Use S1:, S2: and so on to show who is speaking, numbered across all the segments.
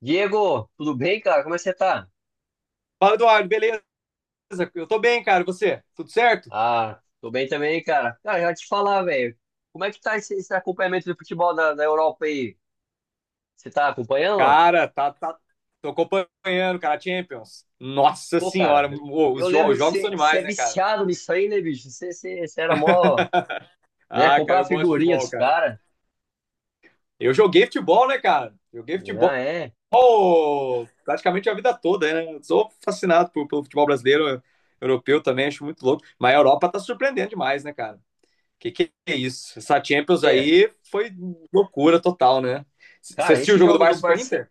S1: Diego, tudo bem, cara? Como é que você tá?
S2: Fala, Eduardo, beleza? Eu tô bem, cara. E você? Tudo certo?
S1: Ah, tô bem também, cara. Cara, já te falar, velho. Como é que tá esse acompanhamento do futebol da Europa aí? Você tá acompanhando? Não?
S2: Cara, tá, tá. Tô acompanhando, cara, Champions. Nossa
S1: Pô, cara,
S2: senhora, ô,
S1: eu
S2: os,
S1: lembro
S2: os
S1: que
S2: jogos são
S1: você, que você
S2: demais,
S1: é
S2: né, cara?
S1: viciado nisso aí, né, bicho? Você era mó, né?
S2: Ah, cara,
S1: Comprava
S2: eu gosto de
S1: figurinha
S2: futebol,
S1: dos
S2: cara.
S1: caras.
S2: Eu joguei futebol, né, cara? Joguei
S1: Ah,
S2: futebol
S1: é?
S2: praticamente a vida toda, né? Eu sou fascinado pelo futebol brasileiro, europeu também, acho muito louco. Mas a Europa tá surpreendendo demais, né, cara? Que é isso? Essa Champions
S1: É.
S2: aí foi loucura total, né? Você
S1: Cara,
S2: assistiu o
S1: esse
S2: jogo do
S1: jogo do
S2: Barça com a
S1: Barcelona.
S2: Inter?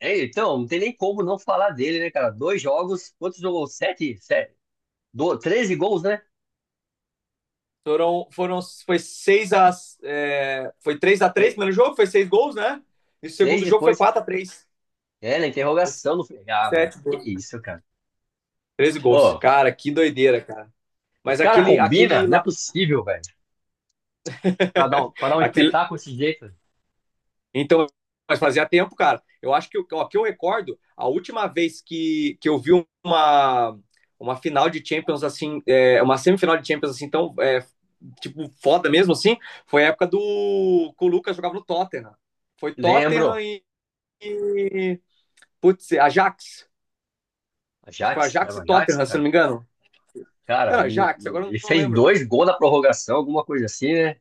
S1: É, então, não tem nem como não falar dele, né, cara? Dois jogos, quantos jogos? Sete? Sete? Do... Treze gols, né?
S2: Foi 6 a. É, foi 3 a 3
S1: Tre...
S2: primeiro jogo, foi 6 gols, né? E o
S1: Seis
S2: segundo jogo foi
S1: depois.
S2: 4 a 3
S1: É, na interrogação do filme. Ah, meu.
S2: 7
S1: Que
S2: gols.
S1: isso, cara.
S2: 13 gols.
S1: Pô,
S2: Cara, que doideira, cara.
S1: os
S2: Mas
S1: caras
S2: aquele.
S1: combinam?
S2: aquele,
S1: Não é possível, velho. Pra dar um
S2: aquele
S1: espetáculo desse jeito.
S2: então, mas fazia tempo, cara. Eu acho que, ó, que eu recordo, a última vez que eu vi uma, uma final de Champions, assim, é, uma semifinal de Champions, assim, tão, é, tipo, foda mesmo, assim, foi a época do, que o Lucas jogava no Tottenham. Foi Tottenham
S1: Lembro.
S2: e. E, putz, é Ajax. Acho que foi
S1: Ajax? Era
S2: Ajax
S1: o
S2: e
S1: Ajax,
S2: Tottenham, se não
S1: cara?
S2: me engano.
S1: Cara,
S2: Era Ajax, agora eu
S1: ele
S2: não
S1: fez
S2: lembro.
S1: dois gols na prorrogação, alguma coisa assim, né?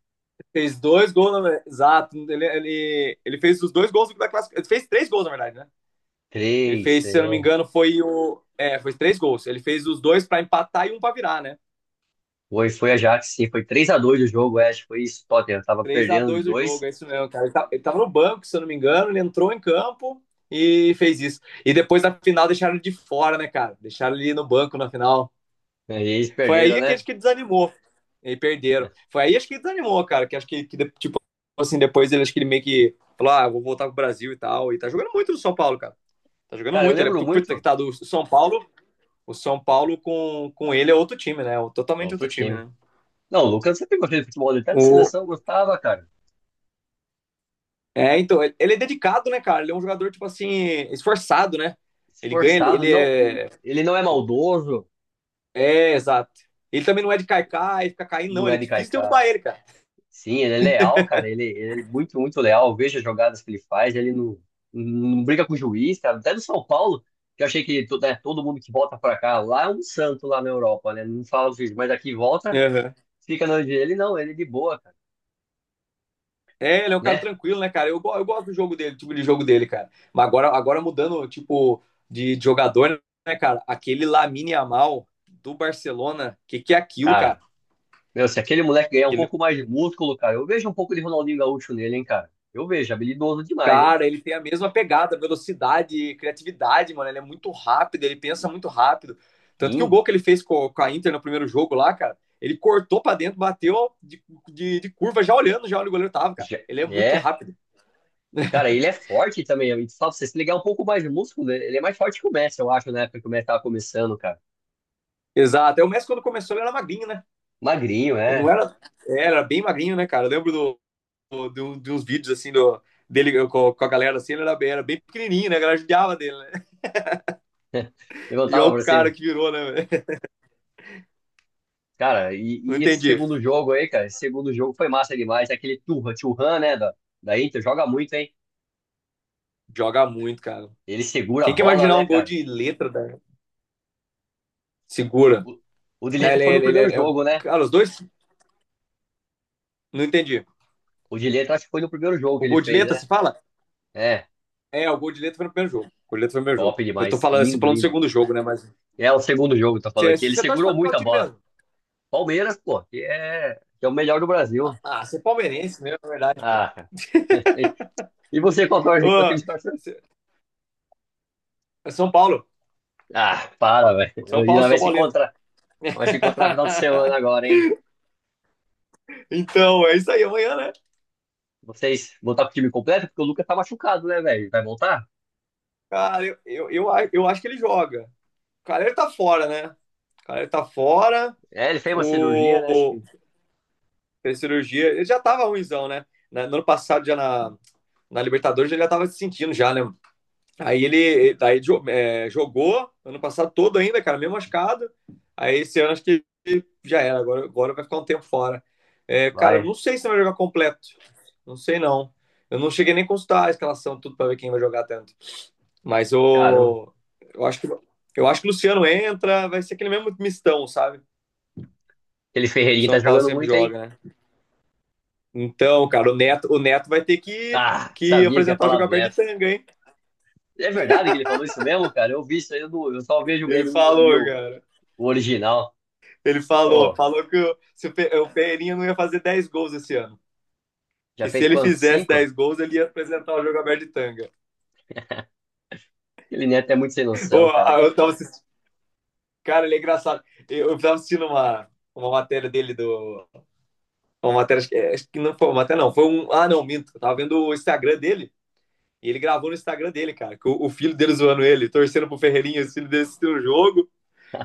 S2: Fez dois gols, na. Exato. Ele fez os dois gols da classificação. Ele fez três gols, na verdade, né? Ele
S1: Três,
S2: fez, se eu não me
S1: é.
S2: engano, foi o. É, foi três gols. Ele fez os dois pra empatar e um pra virar, né?
S1: Foi Ajax, sim. Foi três a dois o jogo, é, acho que foi isso. Tottenham tava
S2: 3 a
S1: perdendo de
S2: 2 o
S1: dois.
S2: jogo, é isso mesmo, cara. Ele tava no banco, se eu não me engano, ele entrou em campo e fez isso. E depois na final deixaram ele de fora, né, cara? Deixaram ele no banco na final.
S1: Aí eles
S2: Foi
S1: perderam,
S2: aí que
S1: né?
S2: acho que desanimou. E perderam.
S1: É.
S2: Foi aí acho que desanimou, cara. Que acho que tipo assim, depois ele acho que ele meio que falou: ah, vou voltar pro Brasil e tal. E tá jogando muito no São Paulo, cara. Tá jogando
S1: Cara, eu
S2: muito. Ele é
S1: lembro
S2: puta que
S1: muito.
S2: tá do São Paulo. O São Paulo com ele é outro time, né? É totalmente
S1: Outro
S2: outro time,
S1: time.
S2: né?
S1: Não, o Lucas sempre gostei de futebol. Ele até na
S2: O...
S1: seleção eu gostava, cara.
S2: É, então, ele é dedicado, né, cara? Ele é um jogador, tipo assim, esforçado, né? Ele ganha, ele
S1: Esforçado,
S2: ele
S1: não...
S2: é.
S1: Ele não é maldoso.
S2: É, exato. Ele também não é de caicar e fica caindo, não.
S1: Não é
S2: Ele é
S1: de
S2: difícil
S1: Kaiká.
S2: derrubar ele, cara.
S1: Sim, ele é leal, cara. Ele é muito, muito leal. Eu vejo as jogadas que ele faz. Ele não, não briga com o juiz, cara. Até do São Paulo, que eu achei que né, todo mundo que volta pra cá, lá é um santo lá na Europa, né? Não fala o juiz, mas aqui volta,
S2: Uhum.
S1: fica na onde ele. Não, ele é de boa, cara.
S2: É, ele é um cara
S1: Né?
S2: tranquilo, né, cara? Eu gosto do jogo dele, tipo de jogo dele, cara. Mas agora, mudando, tipo, de jogador, né, cara? Aquele Lamine Yamal do Barcelona, que é aquilo, cara?
S1: Cara, meu, se aquele moleque ganhar um
S2: Ele,
S1: pouco mais de músculo, cara, eu vejo um pouco de Ronaldinho Gaúcho nele, hein, cara. Eu vejo, habilidoso demais, hein?
S2: cara, ele tem a mesma pegada, velocidade, criatividade, mano. Ele é muito rápido, ele pensa muito rápido. Tanto que o
S1: Sim.
S2: gol que ele fez com a Inter no primeiro jogo lá, cara, ele cortou pra dentro, bateu de curva, já olhando já onde o goleiro tava, cara.
S1: já-
S2: Ele é muito
S1: É.
S2: rápido.
S1: Cara, ele é forte também, amigo. Só pra você se ligar um pouco mais de músculo, ele é mais forte que o Messi, eu acho, na época que o Messi tava começando, cara.
S2: Exato. É o Messi quando começou, ele era magrinho, né?
S1: Magrinho,
S2: Ele não
S1: é.
S2: era, é, era bem magrinho, né, cara? Eu lembro de uns vídeos assim dele com a galera assim, ele era bem pequenininho, né? A galera judiava dele, né? E olha
S1: Levantava
S2: o
S1: pra
S2: cara
S1: cima.
S2: que virou, né, velho?
S1: Cara, e,
S2: Não
S1: e esse
S2: entendi.
S1: segundo jogo aí, cara, esse segundo jogo foi massa demais. Aquele Turra, Turran, né, da Inter, joga muito, hein?
S2: Joga muito, cara.
S1: Ele segura a
S2: Quem que
S1: bola,
S2: imaginar
S1: né,
S2: um gol
S1: cara?
S2: de letra, da. Segura.
S1: O, o De Ligt foi no primeiro jogo, né?
S2: Cara, os dois, não entendi.
S1: O De Ligt, acho que foi no primeiro jogo que
S2: O
S1: ele
S2: gol de
S1: fez,
S2: letra, se
S1: né?
S2: fala?
S1: É,
S2: É, o gol de letra foi no primeiro jogo. O gol de letra foi no primeiro jogo.
S1: top
S2: Eu tô
S1: demais.
S2: falando, você
S1: Lindo,
S2: falando do
S1: lindo.
S2: segundo jogo, né? Mas
S1: É o segundo jogo, tá falando
S2: você,
S1: aqui. Ele
S2: você torce pra
S1: segurou muito
S2: qual
S1: a
S2: time
S1: bola.
S2: mesmo?
S1: Palmeiras, pô, que é o melhor do Brasil.
S2: Ah, você é palmeirense mesmo, na verdade, pô.
S1: Ah, cara. E e você qual torce? Qual time
S2: Ô,
S1: você torce?
S2: você- é São Paulo.
S1: Ah, para, velho.
S2: São
S1: E
S2: Paulo,
S1: nós vai
S2: São
S1: se
S2: Paulino.
S1: encontrar. Nós vai se encontrar no final de semana agora, hein?
S2: Então, é isso aí, amanhã, né?
S1: Vocês voltar pro time completo? Porque o Lucas tá machucado, né, velho? Vai voltar?
S2: Cara, eu acho que ele joga. Cara, ele tá fora, né? Cara, ele tá fora.
S1: É, ele fez uma cirurgia,
S2: O,
S1: né? Acho
S2: o
S1: que
S2: fez cirurgia, ele já tava ruimzão, né? No ano passado, já na Libertadores, ele já tava se sentindo já, né? Aí ele daí, jogou ano passado todo ainda, cara, meio machucado. Aí esse ano acho que já era, agora vai ficar um tempo fora. É, cara, eu
S1: vai.
S2: não sei se vai jogar completo. Não sei não. Eu não cheguei nem a consultar a escalação, tudo pra ver quem vai jogar até. Mas
S1: Caramba.
S2: eu acho que eu acho que o Luciano entra, vai ser aquele mesmo mistão, sabe? Que
S1: Aquele
S2: o
S1: Ferreirinho tá
S2: São Paulo
S1: jogando
S2: sempre
S1: muito, hein?
S2: joga, né? Então, cara, o Neto vai ter que
S1: Ah,
S2: que
S1: sabia que ia
S2: apresentar o
S1: falar
S2: jogo
S1: do
S2: aberto de
S1: Neto.
S2: tanga, hein?
S1: É verdade que ele falou isso mesmo, cara? Eu vi isso aí, eu, não- eu só vejo o
S2: Ele
S1: meme, eu não vi
S2: falou, cara.
S1: o original.
S2: Ele falou,
S1: Pô,
S2: falou que se o Ferreirinha não ia fazer 10 gols esse ano.
S1: já
S2: E se
S1: fez
S2: ele
S1: quanto?
S2: fizesse
S1: Cinco?
S2: 10 gols, ele ia apresentar o jogo aberto de tanga.
S1: Aquele Neto é muito sem
S2: Ô,
S1: noção, cara.
S2: ah, eu tava assistindo, cara, ele é engraçado. Eu tava assistindo uma matéria dele do. Uma matéria, acho que não foi uma matéria, não. Foi um. Ah, não, minto. Eu tava vendo o Instagram dele. E ele gravou no Instagram dele, cara, com o filho dele zoando ele, torcendo pro Ferreirinha, o filho dele assistiu o jogo.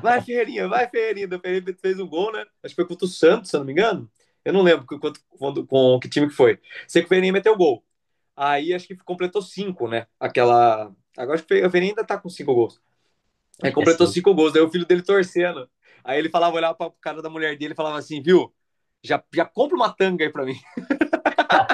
S2: Vai, Ferreirinha, vai, Ferreirinha. O Ferreirinha fez um gol, né? Acho que foi contra o Santos, se eu não me engano. Eu não lembro quanto, quando, com que time que foi. Sei que o Ferreirinha meteu gol. Aí acho que completou cinco, né? Aquela. Agora acho que o Ferreirinha ainda tá com cinco gols. Aí
S1: Acho que é
S2: completou
S1: cinco.
S2: cinco gols, daí o filho dele torcendo. Aí ele falava, olhava pra cara da mulher dele e falava assim, viu? Já, já compra uma tanga aí pra mim.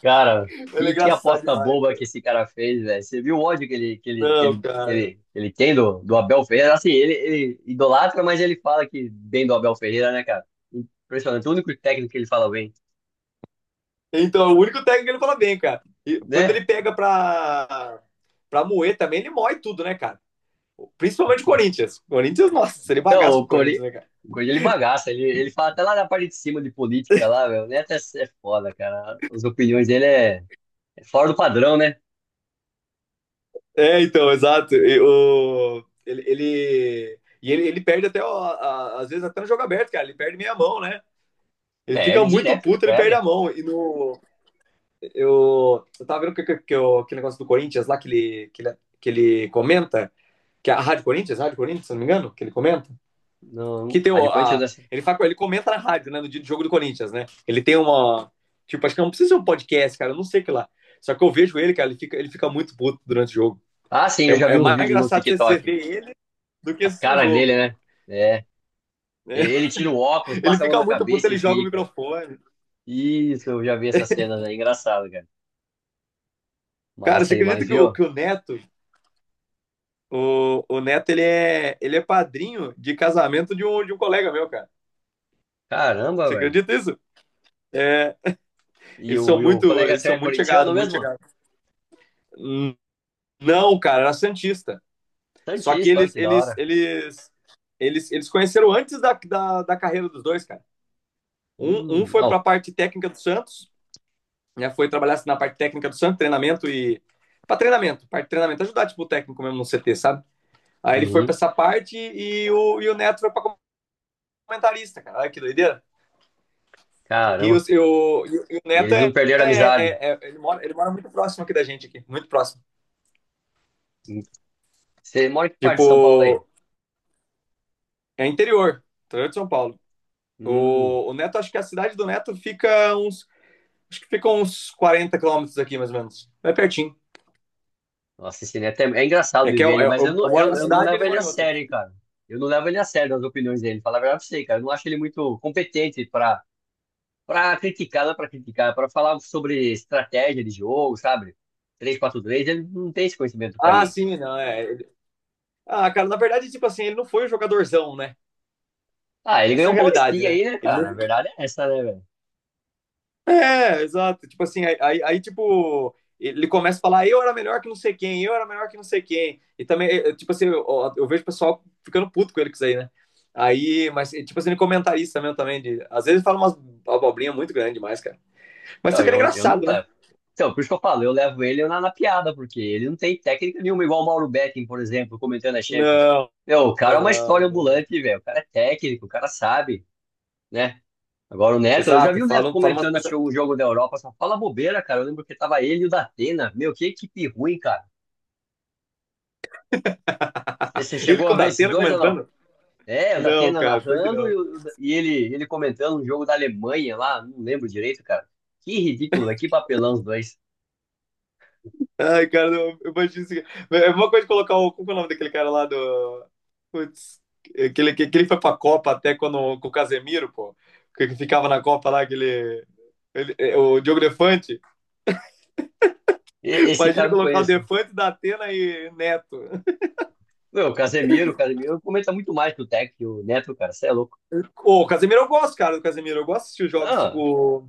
S1: Cara,
S2: Ele é
S1: que
S2: engraçado
S1: aposta
S2: demais,
S1: boba
S2: cara.
S1: que esse cara fez, velho. Você viu o ódio que ele, que ele, que
S2: Não,
S1: ele, que
S2: cara.
S1: ele, que ele tem do Abel Ferreira? Assim, ele idolatra, mas ele fala que bem do Abel Ferreira, né, cara? Impressionante. O único técnico que ele fala bem,
S2: Então, é o único técnico que ele fala bem, cara. E quando
S1: né?
S2: ele pega pra moer também, ele moe tudo, né, cara? Principalmente o Corinthians. O Corinthians, nossa, ele
S1: Então,
S2: bagaço com
S1: o
S2: o Corinthians,
S1: Corinthians,
S2: né, cara?
S1: o Corinthians, ele bagaça. Ele fala até lá na parte de cima de política lá, velho. O Neto é, é foda, cara. As opiniões dele é, é fora do padrão, né?
S2: É, então, exato. E ele perde até, ó, às vezes, até no jogo aberto, cara. Ele perde meia mão, né? Ele fica
S1: Perde,
S2: muito
S1: direto ele
S2: puto, ele perde a
S1: perde.
S2: mão. E no. Eu tava vendo que aquele negócio do Corinthians lá que ele comenta, que é a Rádio Corinthians, Rádio Corinthians, se não me engano, que ele comenta.
S1: Não,
S2: Que tem
S1: Rádio Corinthians.
S2: a. Ele, fala, ele comenta na rádio, né? No dia do jogo do Corinthians, né? Ele tem uma. Tipo, acho que não precisa ser um podcast, cara. Eu não sei o que lá. Só que eu vejo ele, cara, ele fica muito puto durante o jogo.
S1: Ah, sim,
S2: É,
S1: eu já vi
S2: é
S1: uns
S2: mais
S1: vídeos no
S2: engraçado
S1: TikTok.
S2: ver ele do que
S1: As
S2: assistir o
S1: caras dele,
S2: jogo.
S1: né? É,
S2: Né?
S1: ele tira o óculos,
S2: Ele
S1: passa a mão
S2: fica
S1: na
S2: muito puto,
S1: cabeça
S2: ele
S1: e
S2: joga o
S1: fica.
S2: microfone.
S1: Isso, eu já vi essa cena, né? Engraçado, cara.
S2: Cara, você
S1: Massa demais,
S2: acredita que o,
S1: viu?
S2: que o Neto, o Neto, ele é padrinho de casamento de um colega meu, cara.
S1: Caramba,
S2: Você
S1: velho.
S2: acredita isso? É,
S1: E
S2: eles
S1: o,
S2: são
S1: e o
S2: muito,
S1: colega
S2: eles
S1: seu é
S2: são muito
S1: corintiano
S2: chegados, muito
S1: mesmo?
S2: chegados. Hum, Não, cara, era Santista. Só que
S1: Santista, olha
S2: eles,
S1: que da
S2: eles,
S1: hora.
S2: eles, eles, eles conheceram antes da carreira dos dois, cara. Um foi para a
S1: Ó.
S2: parte técnica do Santos, né? Foi trabalhar na parte técnica do Santos, treinamento e. Para treinamento, parte de treinamento, ajudar tipo, o técnico mesmo no CT, sabe? Aí ele foi para
S1: Uhum.
S2: essa parte e o Neto foi para comentarista, cara. Olha que doideira. E o,
S1: Caramba.
S2: e o, e o
S1: E
S2: Neto
S1: eles não
S2: é,
S1: perderam
S2: é,
S1: a amizade.
S2: é, é, ele, mora, ele mora muito próximo aqui da gente, aqui, muito próximo.
S1: Hum. Você mora em que parte
S2: Tipo,
S1: de São Paulo aí?
S2: é interior, interior de São Paulo.
S1: Hum.
S2: O Neto, acho que a cidade do Neto fica uns. Acho que ficam uns 40 quilômetros aqui, mais ou menos. É pertinho.
S1: Nossa, esse neto é, é engraçado
S2: É
S1: de
S2: que
S1: ver
S2: eu,
S1: ele,
S2: eu,
S1: mas
S2: eu moro na
S1: eu não
S2: cidade e
S1: levo
S2: ele
S1: ele
S2: mora
S1: a
S2: em outra.
S1: sério, hein, cara. Eu não levo ele a sério nas opiniões dele. Falar a verdade pra você, cara. Eu não acho ele muito competente pra para criticar, não é para criticar, para falar sobre estratégia de jogo, sabe? Três quatro três, ele não tem esse conhecimento pra
S2: Ah,
S1: mim.
S2: sim, não, é. Ah, cara, na verdade, tipo assim, ele não foi o jogadorzão, né?
S1: Ah, ele
S2: Essa
S1: ganhou
S2: é a
S1: um
S2: realidade,
S1: Paulistinha
S2: né?
S1: aí, né,
S2: Ele
S1: cara?
S2: não.
S1: Na verdade é essa, né, velho?
S2: É, exato. Tipo assim, aí, tipo, ele começa a falar, eu era melhor que não sei quem, eu era melhor que não sei quem. E também, tipo assim, eu vejo o pessoal ficando puto com ele com isso aí, né? Aí, mas, tipo assim, ele é comentarista mesmo também. Às vezes ele fala umas abobrinhas muito grande demais, cara. Mas só
S1: Então,
S2: que ele é
S1: eu não
S2: engraçado, né?
S1: levo. Então, por isso que eu falo, eu levo ele na piada, porque ele não tem técnica nenhuma, igual o Mauro Betting, por exemplo, comentando a Champions.
S2: Não,
S1: Meu, o cara é uma
S2: não,
S1: história
S2: não.
S1: ambulante, velho. O cara é técnico, o cara sabe, né? Agora o Neto, eu já
S2: Exato,
S1: vi o Neto
S2: falam umas
S1: comentando assim, o
S2: coisas.
S1: jogo da Europa, só fala bobeira, cara. Eu lembro que tava ele e o Datena. Meu, que equipe ruim, cara. Você
S2: Ele
S1: chegou
S2: com
S1: a
S2: o
S1: ver esses
S2: Datena
S1: dois ou não?
S2: comentando?
S1: É, o
S2: Não,
S1: Datena
S2: cara, pior que
S1: narrando
S2: não.
S1: e ele comentando um jogo da Alemanha lá, não lembro direito, cara. Que ridículo, velho, que papelão os dois.
S2: Ai, cara, não, eu imagino isso aqui. É uma coisa de colocar o. Como que é o nome daquele cara lá do. Putz, aquele que ele foi pra Copa até quando, com o Casemiro, pô. Que ficava na Copa lá, aquele. O Diogo Defante.
S1: Esse cara
S2: Imagina
S1: eu não
S2: colocar o
S1: conheço.
S2: Defante, Datena e Neto.
S1: Meu, o Casemiro comenta muito mais que o Tec e o Neto, cara, você é louco.
S2: Ô, o Casemiro eu gosto, cara, do Casemiro. Eu gosto de assistir os jogos
S1: Ah,
S2: tipo.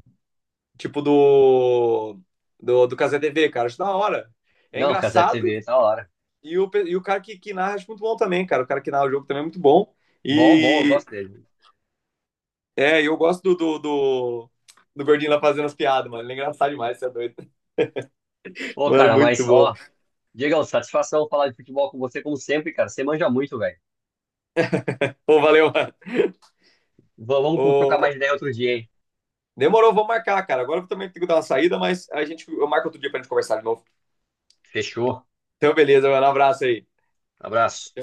S2: Tipo do Cazé TV, cara. Acho da hora. É
S1: não, o Casé
S2: engraçado.
S1: TV, tá hora.
S2: E o cara que narra acho muito bom também, cara. O cara que narra o jogo também é muito bom.
S1: Bom, bom, eu
S2: E
S1: gosto dele.
S2: eu gosto do Gordinho lá fazendo as piadas, mano. Ele é engraçado demais, você é doido.
S1: Pô,
S2: Mano,
S1: cara,
S2: muito
S1: mas
S2: bom.
S1: ó, Diegão, satisfação falar de futebol com você, como sempre, cara. Você manja muito, velho.
S2: Pô, valeu, mano.
S1: Vamos trocar
S2: Ô,
S1: mais ideia outro dia, hein?
S2: demorou, vamos marcar, cara. Agora eu também tenho que dar uma saída, mas a gente, eu marco outro dia pra gente conversar de novo.
S1: Fechou.
S2: Então, beleza, mano. Um abraço aí.
S1: Abraço.